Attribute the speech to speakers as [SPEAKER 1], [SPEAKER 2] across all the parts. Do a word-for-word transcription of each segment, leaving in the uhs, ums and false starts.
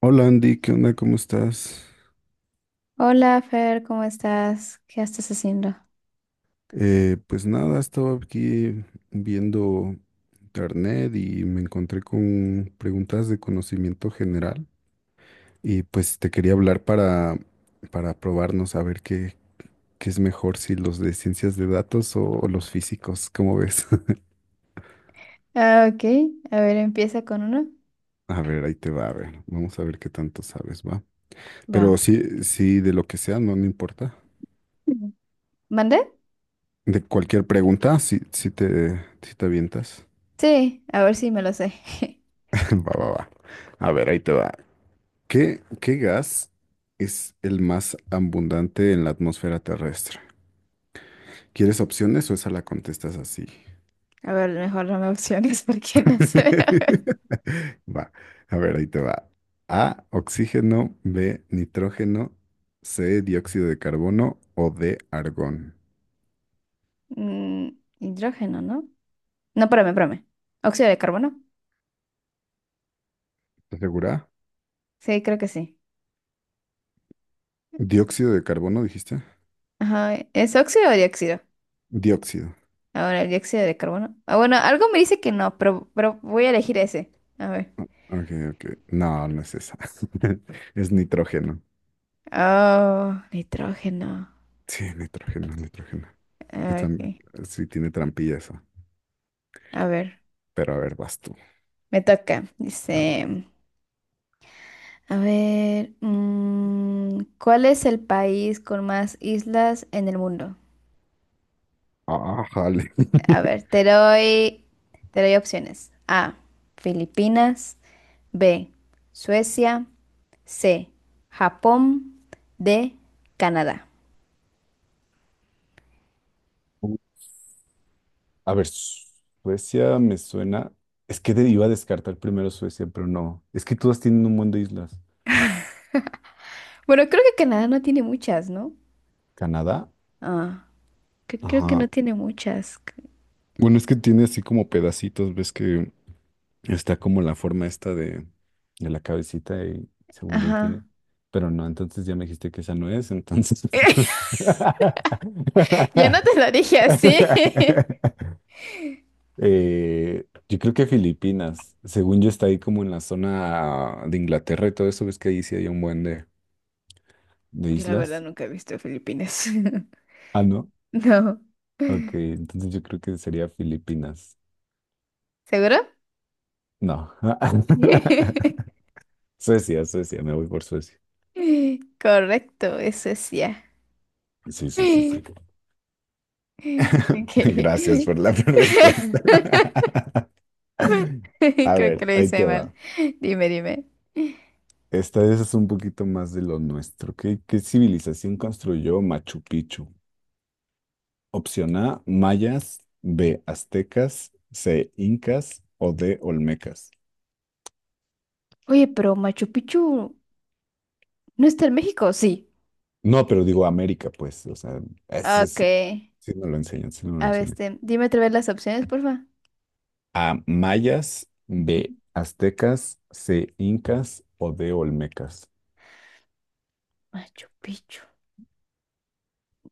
[SPEAKER 1] Hola Andy, ¿qué onda? ¿Cómo estás?
[SPEAKER 2] Hola, Fer, ¿cómo estás? ¿Qué estás haciendo?
[SPEAKER 1] Eh, pues nada, estaba aquí viendo internet y me encontré con preguntas de conocimiento general y pues te quería hablar para, para probarnos a ver qué, qué es mejor, si los de ciencias de datos o, o los físicos, ¿cómo ves?
[SPEAKER 2] Ah, ok. A ver, empieza con uno.
[SPEAKER 1] A ver, ahí te va, a ver, vamos a ver qué tanto sabes, ¿va? Pero
[SPEAKER 2] Va.
[SPEAKER 1] sí, sí, de lo que sea, no, no importa.
[SPEAKER 2] Mm. ¿Mandé?
[SPEAKER 1] De cualquier pregunta, si, si te, si te avientas.
[SPEAKER 2] Sí, a ver si me lo sé.
[SPEAKER 1] Va, va, va. A ver, ahí te va. ¿Qué, qué gas es el más abundante en la atmósfera terrestre? ¿Quieres opciones o esa la contestas así?
[SPEAKER 2] A ver, mejor no me opciones porque no sé.
[SPEAKER 1] Va, a ver, ahí te va. A, oxígeno, B, nitrógeno, C, dióxido de carbono o D, argón.
[SPEAKER 2] Mm, Hidrógeno, ¿no? No, espérame, espérame. ¿Óxido de carbono?
[SPEAKER 1] ¿Estás segura?
[SPEAKER 2] Sí, creo que sí.
[SPEAKER 1] ¿Dióxido de carbono dijiste?
[SPEAKER 2] Ajá, ¿es óxido o dióxido?
[SPEAKER 1] Dióxido.
[SPEAKER 2] Ahora, el dióxido de carbono. Ah, bueno, algo me dice que no, pero, pero voy a elegir ese. A ver.
[SPEAKER 1] Ok, ok. No, no es esa. Es nitrógeno.
[SPEAKER 2] Oh, nitrógeno.
[SPEAKER 1] Sí, nitrógeno, nitrógeno. Yo
[SPEAKER 2] Ah,
[SPEAKER 1] también-
[SPEAKER 2] ok.
[SPEAKER 1] Sí, tiene trampilla eso.
[SPEAKER 2] A ver.
[SPEAKER 1] Pero a ver, vas tú.
[SPEAKER 2] Me toca.
[SPEAKER 1] A ver.
[SPEAKER 2] Dice, a ver, mm, ¿cuál es el país con más islas en el mundo?
[SPEAKER 1] Ah, jale.
[SPEAKER 2] A ver, te doy, te doy opciones. A, Filipinas, B, Suecia, C, Japón, D, Canadá.
[SPEAKER 1] A ver, Suecia me suena. Es que de- iba a descartar primero Suecia, pero no. Es que todas tienen un montón de islas.
[SPEAKER 2] Bueno, creo que Canadá no tiene muchas, ¿no?
[SPEAKER 1] ¿Canadá?
[SPEAKER 2] Ah, cre- creo que
[SPEAKER 1] Ajá.
[SPEAKER 2] no tiene muchas.
[SPEAKER 1] Bueno, es que tiene así como pedacitos, ves que está como la forma esta de, de la cabecita y según yo ahí tiene.
[SPEAKER 2] Ajá.
[SPEAKER 1] Pero no, entonces ya me dijiste que esa no es, entonces.
[SPEAKER 2] Ya no te lo dije así.
[SPEAKER 1] Eh, yo creo que Filipinas, según yo está ahí como en la zona de Inglaterra y todo eso, ves que ahí sí hay un buen de, de
[SPEAKER 2] Yo la verdad
[SPEAKER 1] islas.
[SPEAKER 2] nunca he visto Filipinas.
[SPEAKER 1] Ah, no.
[SPEAKER 2] No.
[SPEAKER 1] Ok, entonces yo creo que sería Filipinas.
[SPEAKER 2] ¿Seguro?
[SPEAKER 1] No. Suecia, Suecia, me voy por Suecia.
[SPEAKER 2] Correcto, eso es ya.
[SPEAKER 1] Sí, sí, sí, sí.
[SPEAKER 2] Ok.
[SPEAKER 1] Gracias por la respuesta. A
[SPEAKER 2] Creo que
[SPEAKER 1] ver,
[SPEAKER 2] lo
[SPEAKER 1] ahí
[SPEAKER 2] hice
[SPEAKER 1] te
[SPEAKER 2] mal.
[SPEAKER 1] va.
[SPEAKER 2] Dime, dime.
[SPEAKER 1] Esta vez es un poquito más de lo nuestro. ¿Qué, qué civilización construyó Machu Picchu? Opción A, mayas, B, aztecas, C, incas o D, olmecas.
[SPEAKER 2] Oye, pero Machu Picchu no está en México, sí.
[SPEAKER 1] No, pero digo América, pues, o sea, ese
[SPEAKER 2] Ok.
[SPEAKER 1] sí, sí nos lo enseñan, sí nos lo
[SPEAKER 2] A ver,
[SPEAKER 1] enseñan.
[SPEAKER 2] este, dime otra vez las opciones, porfa.
[SPEAKER 1] A, mayas, B, aztecas, C, incas o D, olmecas.
[SPEAKER 2] Machu Picchu,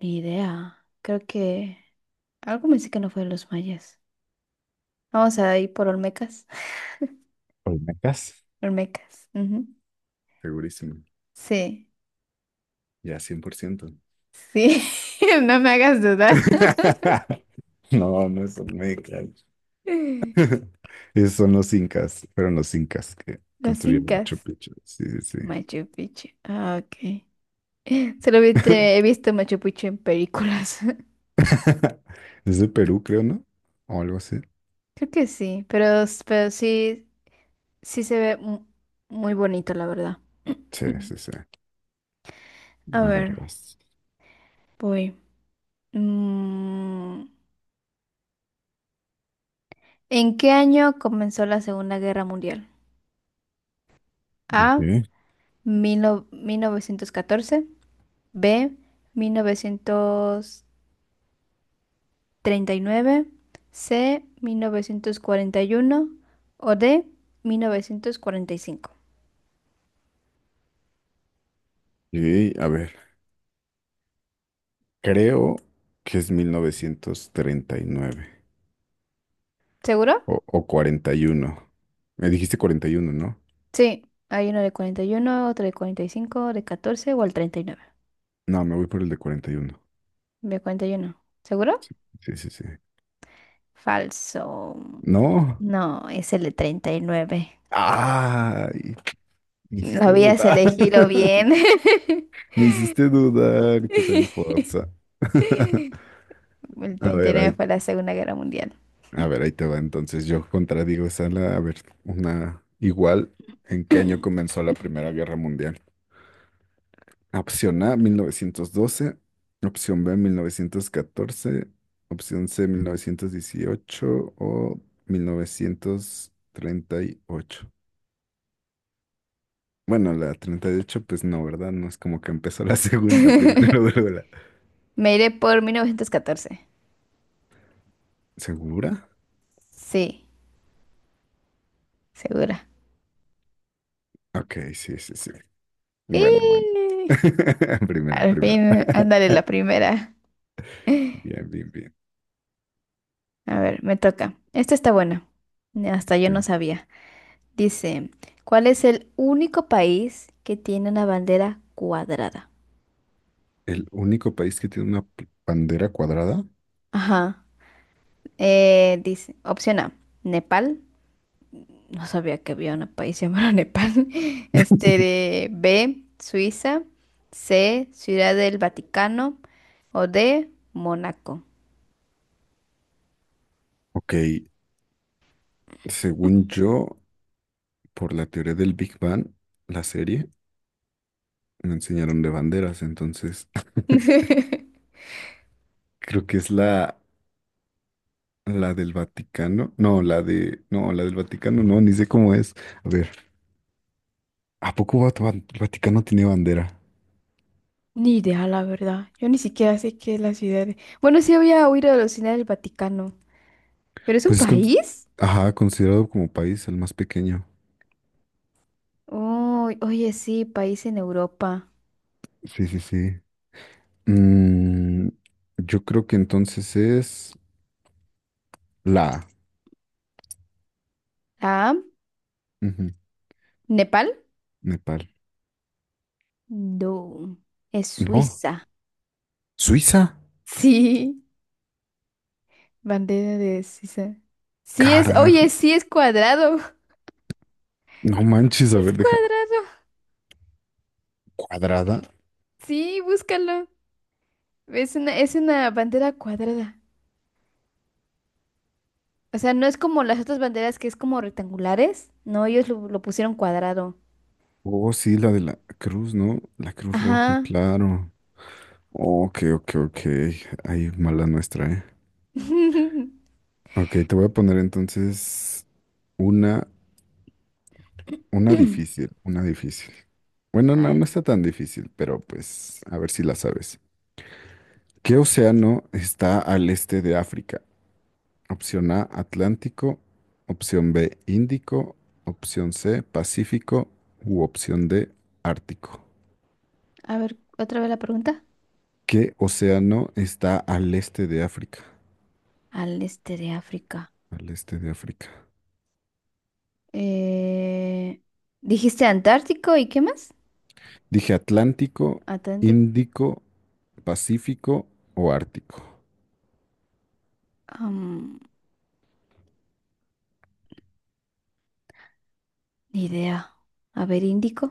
[SPEAKER 2] ni idea. Creo que algo me dice que no fue de los mayas. Vamos a ir por Olmecas.
[SPEAKER 1] ¿Olmecas?
[SPEAKER 2] Olmecas. Ujú.
[SPEAKER 1] Segurísimo,
[SPEAKER 2] Sí.
[SPEAKER 1] ya cien por ciento.
[SPEAKER 2] Sí, no me hagas dudar.
[SPEAKER 1] No, no es olmeca. Esos son los incas, fueron los incas que
[SPEAKER 2] Los
[SPEAKER 1] construyeron Machu
[SPEAKER 2] incas,
[SPEAKER 1] Picchu. Sí, sí,
[SPEAKER 2] Machu Picchu. Ah, ok. Solo vi-
[SPEAKER 1] sí.
[SPEAKER 2] te- he visto Machu Picchu en películas.
[SPEAKER 1] Es de Perú, creo, ¿no? O algo así.
[SPEAKER 2] Creo que sí, pero, s- pero sí, sí se ve mu- muy bonito, la verdad.
[SPEAKER 1] Sí, sí, sí.
[SPEAKER 2] A
[SPEAKER 1] A ver,
[SPEAKER 2] ver,
[SPEAKER 1] vas.
[SPEAKER 2] voy. Mm, ¿En qué año comenzó la Segunda Guerra Mundial? A.
[SPEAKER 1] Ok.
[SPEAKER 2] mil no- mil novecientos catorce. B. Mil novecientos treinta y nueve. C, mil novecientos cuarenta y uno, o D, mil novecientos cuarenta y cinco.
[SPEAKER 1] Y, a ver, creo que es mil novecientos treinta y nueve
[SPEAKER 2] ¿Seguro?
[SPEAKER 1] o, o cuarenta y uno. Me dijiste cuarenta y uno, ¿no?
[SPEAKER 2] Sí, hay uno de cuarenta y uno, otro de cuarenta y cinco, de catorce o el treinta y nueve.
[SPEAKER 1] No, me voy por el de cuarenta y uno.
[SPEAKER 2] ¿De cuarenta y uno? ¿Seguro?
[SPEAKER 1] Sí, sí, sí.
[SPEAKER 2] Falso.
[SPEAKER 1] No.
[SPEAKER 2] No, es el de treinta y nueve.
[SPEAKER 1] Ay, me
[SPEAKER 2] Lo
[SPEAKER 1] hiciste
[SPEAKER 2] habías
[SPEAKER 1] dudar.
[SPEAKER 2] elegido bien.
[SPEAKER 1] Me hiciste dudar. Qué tramposa.
[SPEAKER 2] El
[SPEAKER 1] A
[SPEAKER 2] treinta y
[SPEAKER 1] ver, ahí
[SPEAKER 2] nueve fue la Segunda Guerra Mundial.
[SPEAKER 1] A ver, ahí te va. Entonces yo contradigo esa. La- A ver, una igual. ¿En qué año comenzó la Primera Guerra Mundial? Opción A, mil novecientos doce. Opción B, mil novecientos catorce. Opción C, mil novecientos dieciocho o mil novecientos treinta y ocho. Bueno, la treinta y ocho, pues no, ¿verdad? No es como que empezó la segunda, la primera y luego luego la...
[SPEAKER 2] Me iré por mil novecientos catorce.
[SPEAKER 1] ¿Segura?
[SPEAKER 2] Sí, segura.
[SPEAKER 1] Ok, sí, sí, sí. Bueno, bueno.
[SPEAKER 2] ¡Eh!
[SPEAKER 1] Primera,
[SPEAKER 2] Al
[SPEAKER 1] primera.
[SPEAKER 2] fin, ándale la primera.
[SPEAKER 1] Bien, bien, bien.
[SPEAKER 2] A ver, me toca. Esta está buena. Hasta yo
[SPEAKER 1] Ok.
[SPEAKER 2] no sabía. Dice, ¿cuál es el único país que tiene una bandera cuadrada?
[SPEAKER 1] El único país que tiene una p- bandera cuadrada.
[SPEAKER 2] Ajá. Eh, dice, opción A, Nepal. No sabía que había un país llamado Nepal. Este, de- B, Suiza. C, Ciudad del Vaticano. O D, Mónaco.
[SPEAKER 1] Ok, según yo, por la teoría del Big Bang, la serie, me enseñaron de banderas, entonces creo que es la, la del Vaticano. No, la de... No, la del Vaticano, no, ni sé cómo es. A ver, ¿a poco Vat- Van- Vaticano tiene bandera?
[SPEAKER 2] Ni idea, la verdad. Yo ni siquiera sé qué es la ciudad de- Bueno, sí había oído de la Ciudad del Vaticano. ¿Pero es un
[SPEAKER 1] Pues es con-
[SPEAKER 2] país?
[SPEAKER 1] ajá, considerado como país el más pequeño.
[SPEAKER 2] Oh, oye, sí, país en Europa.
[SPEAKER 1] Sí, sí, sí. Mm, yo creo que entonces es la... A.
[SPEAKER 2] Ah,
[SPEAKER 1] Ujú,
[SPEAKER 2] ¿Nepal?
[SPEAKER 1] Nepal.
[SPEAKER 2] No, es
[SPEAKER 1] No.
[SPEAKER 2] Suiza.
[SPEAKER 1] Suiza.
[SPEAKER 2] Sí, bandera de Suiza. Sí es,
[SPEAKER 1] Carajo.
[SPEAKER 2] oye, sí es cuadrado.
[SPEAKER 1] No manches, a
[SPEAKER 2] Es
[SPEAKER 1] ver, deja.
[SPEAKER 2] cuadrado.
[SPEAKER 1] Cuadrada.
[SPEAKER 2] Sí, búscalo. Es una, es una bandera cuadrada. O sea, no es como las otras banderas que es como rectangulares. No, ellos lo, lo pusieron cuadrado.
[SPEAKER 1] Oh, sí, la de la cruz, ¿no? La cruz roja,
[SPEAKER 2] Ajá.
[SPEAKER 1] claro. Ok, ok, ok. Ahí mala nuestra, ¿eh? Ok, te voy a poner entonces una, una difícil, una difícil. Bueno,
[SPEAKER 2] A
[SPEAKER 1] no,
[SPEAKER 2] ver,
[SPEAKER 1] no está tan difícil, pero pues a ver si la sabes. ¿Qué océano está al este de África? Opción A, Atlántico. Opción B, Índico. Opción C, Pacífico. U opción D, Ártico.
[SPEAKER 2] a ver, otra vez la pregunta.
[SPEAKER 1] ¿Qué océano está al este de África?
[SPEAKER 2] Al este de África.
[SPEAKER 1] Al este de África.
[SPEAKER 2] Eh, ¿Dijiste Antártico y qué más?
[SPEAKER 1] Dije Atlántico,
[SPEAKER 2] Atlántico.
[SPEAKER 1] Índico, Pacífico o Ártico.
[SPEAKER 2] Am, Ni idea. A ver, Índico.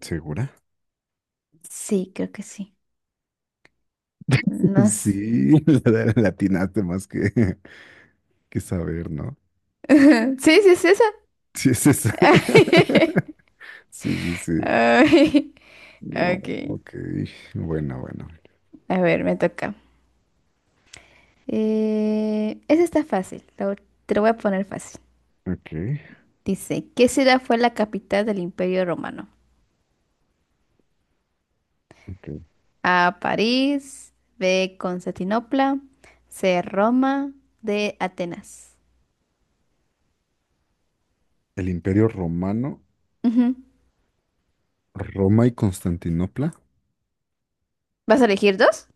[SPEAKER 1] ¿Segura?
[SPEAKER 2] Sí, creo que sí. No sé.
[SPEAKER 1] Sí, la la atinaste más que, que saber, ¿no?
[SPEAKER 2] Sí, sí, es esa.
[SPEAKER 1] Sí, es esa. Sí, sí, sí.
[SPEAKER 2] Ay,
[SPEAKER 1] No,
[SPEAKER 2] ok.
[SPEAKER 1] ok. Bueno, bueno.
[SPEAKER 2] A ver, me toca. Eh, esa está fácil. la ul- te lo voy a poner fácil.
[SPEAKER 1] Ok,
[SPEAKER 2] Dice, ¿qué ciudad fue la capital del Imperio Romano?
[SPEAKER 1] ok.
[SPEAKER 2] A, París, B, Constantinopla, C, Roma, D, Atenas.
[SPEAKER 1] El Imperio Romano,
[SPEAKER 2] Ujú.
[SPEAKER 1] Roma y Constantinopla.
[SPEAKER 2] ¿Vas a elegir dos?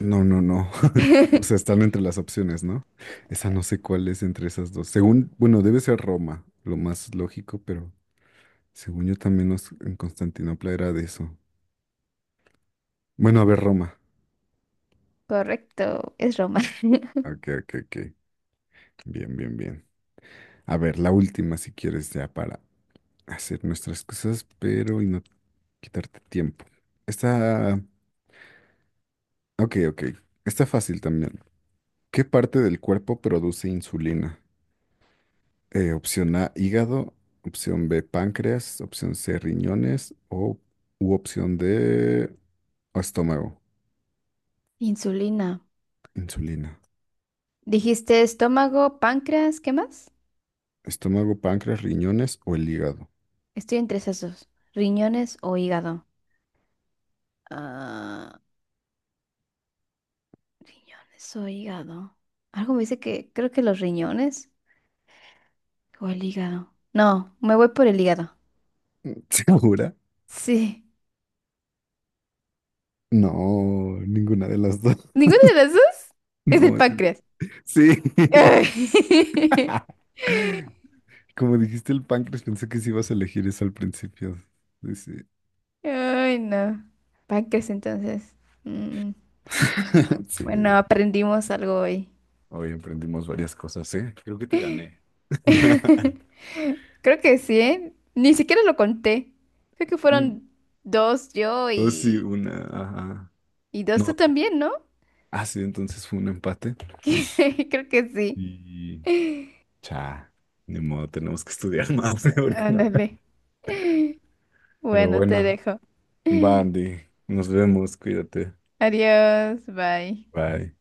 [SPEAKER 1] No, no, no. O sea, están entre las opciones, ¿no? Esa no sé cuál es entre esas dos. Según, bueno, debe ser Roma, lo más lógico, pero según yo también nos- en Constantinopla era de eso. Bueno, a ver, Roma.
[SPEAKER 2] Correcto, es Roma.
[SPEAKER 1] Ok, ok, ok. Bien, bien, bien. A ver, la última, si quieres, ya para hacer nuestras cosas, pero y no quitarte tiempo. Está, ok, ok. Está fácil también. ¿Qué parte del cuerpo produce insulina? Eh, opción A, hígado. Opción B, páncreas. Opción C, riñones. O u opción D, estómago.
[SPEAKER 2] Insulina.
[SPEAKER 1] Insulina.
[SPEAKER 2] Dijiste estómago, páncreas, ¿qué más?
[SPEAKER 1] Estómago, páncreas, riñones o el hígado.
[SPEAKER 2] Estoy entre esos dos. Riñones o hígado. Ah, riñones o hígado. Algo me dice que creo que los riñones o el hígado. No, me voy por el hígado.
[SPEAKER 1] ¿Segura?
[SPEAKER 2] Sí.
[SPEAKER 1] No, ninguna de las dos.
[SPEAKER 2] ¿Ninguna de las dos? Es el
[SPEAKER 1] No, es el...
[SPEAKER 2] páncreas.
[SPEAKER 1] Sí. Como dijiste el páncreas, pensé que sí ibas a elegir eso al principio. Sí, sí.
[SPEAKER 2] Ay, no. Pancres, entonces. Mm.
[SPEAKER 1] Sí.
[SPEAKER 2] Bueno, aprendimos algo hoy.
[SPEAKER 1] Hoy aprendimos varias cosas, ¿eh? Creo que te gané.
[SPEAKER 2] Creo que sí, ¿eh? Ni siquiera lo conté. Creo que
[SPEAKER 1] Mm,
[SPEAKER 2] fueron dos yo
[SPEAKER 1] oh, sí,
[SPEAKER 2] y,
[SPEAKER 1] una. Ajá.
[SPEAKER 2] y dos tú
[SPEAKER 1] No,
[SPEAKER 2] también, ¿no?
[SPEAKER 1] ah, sí, entonces fue un empate
[SPEAKER 2] Creo que sí.
[SPEAKER 1] y cha, ni modo, tenemos que estudiar más porque no.
[SPEAKER 2] Ándale.
[SPEAKER 1] Pero
[SPEAKER 2] Bueno, te
[SPEAKER 1] bueno,
[SPEAKER 2] dejo.
[SPEAKER 1] va, Andy, nos vemos, cuídate.
[SPEAKER 2] Adiós, bye.
[SPEAKER 1] Bye.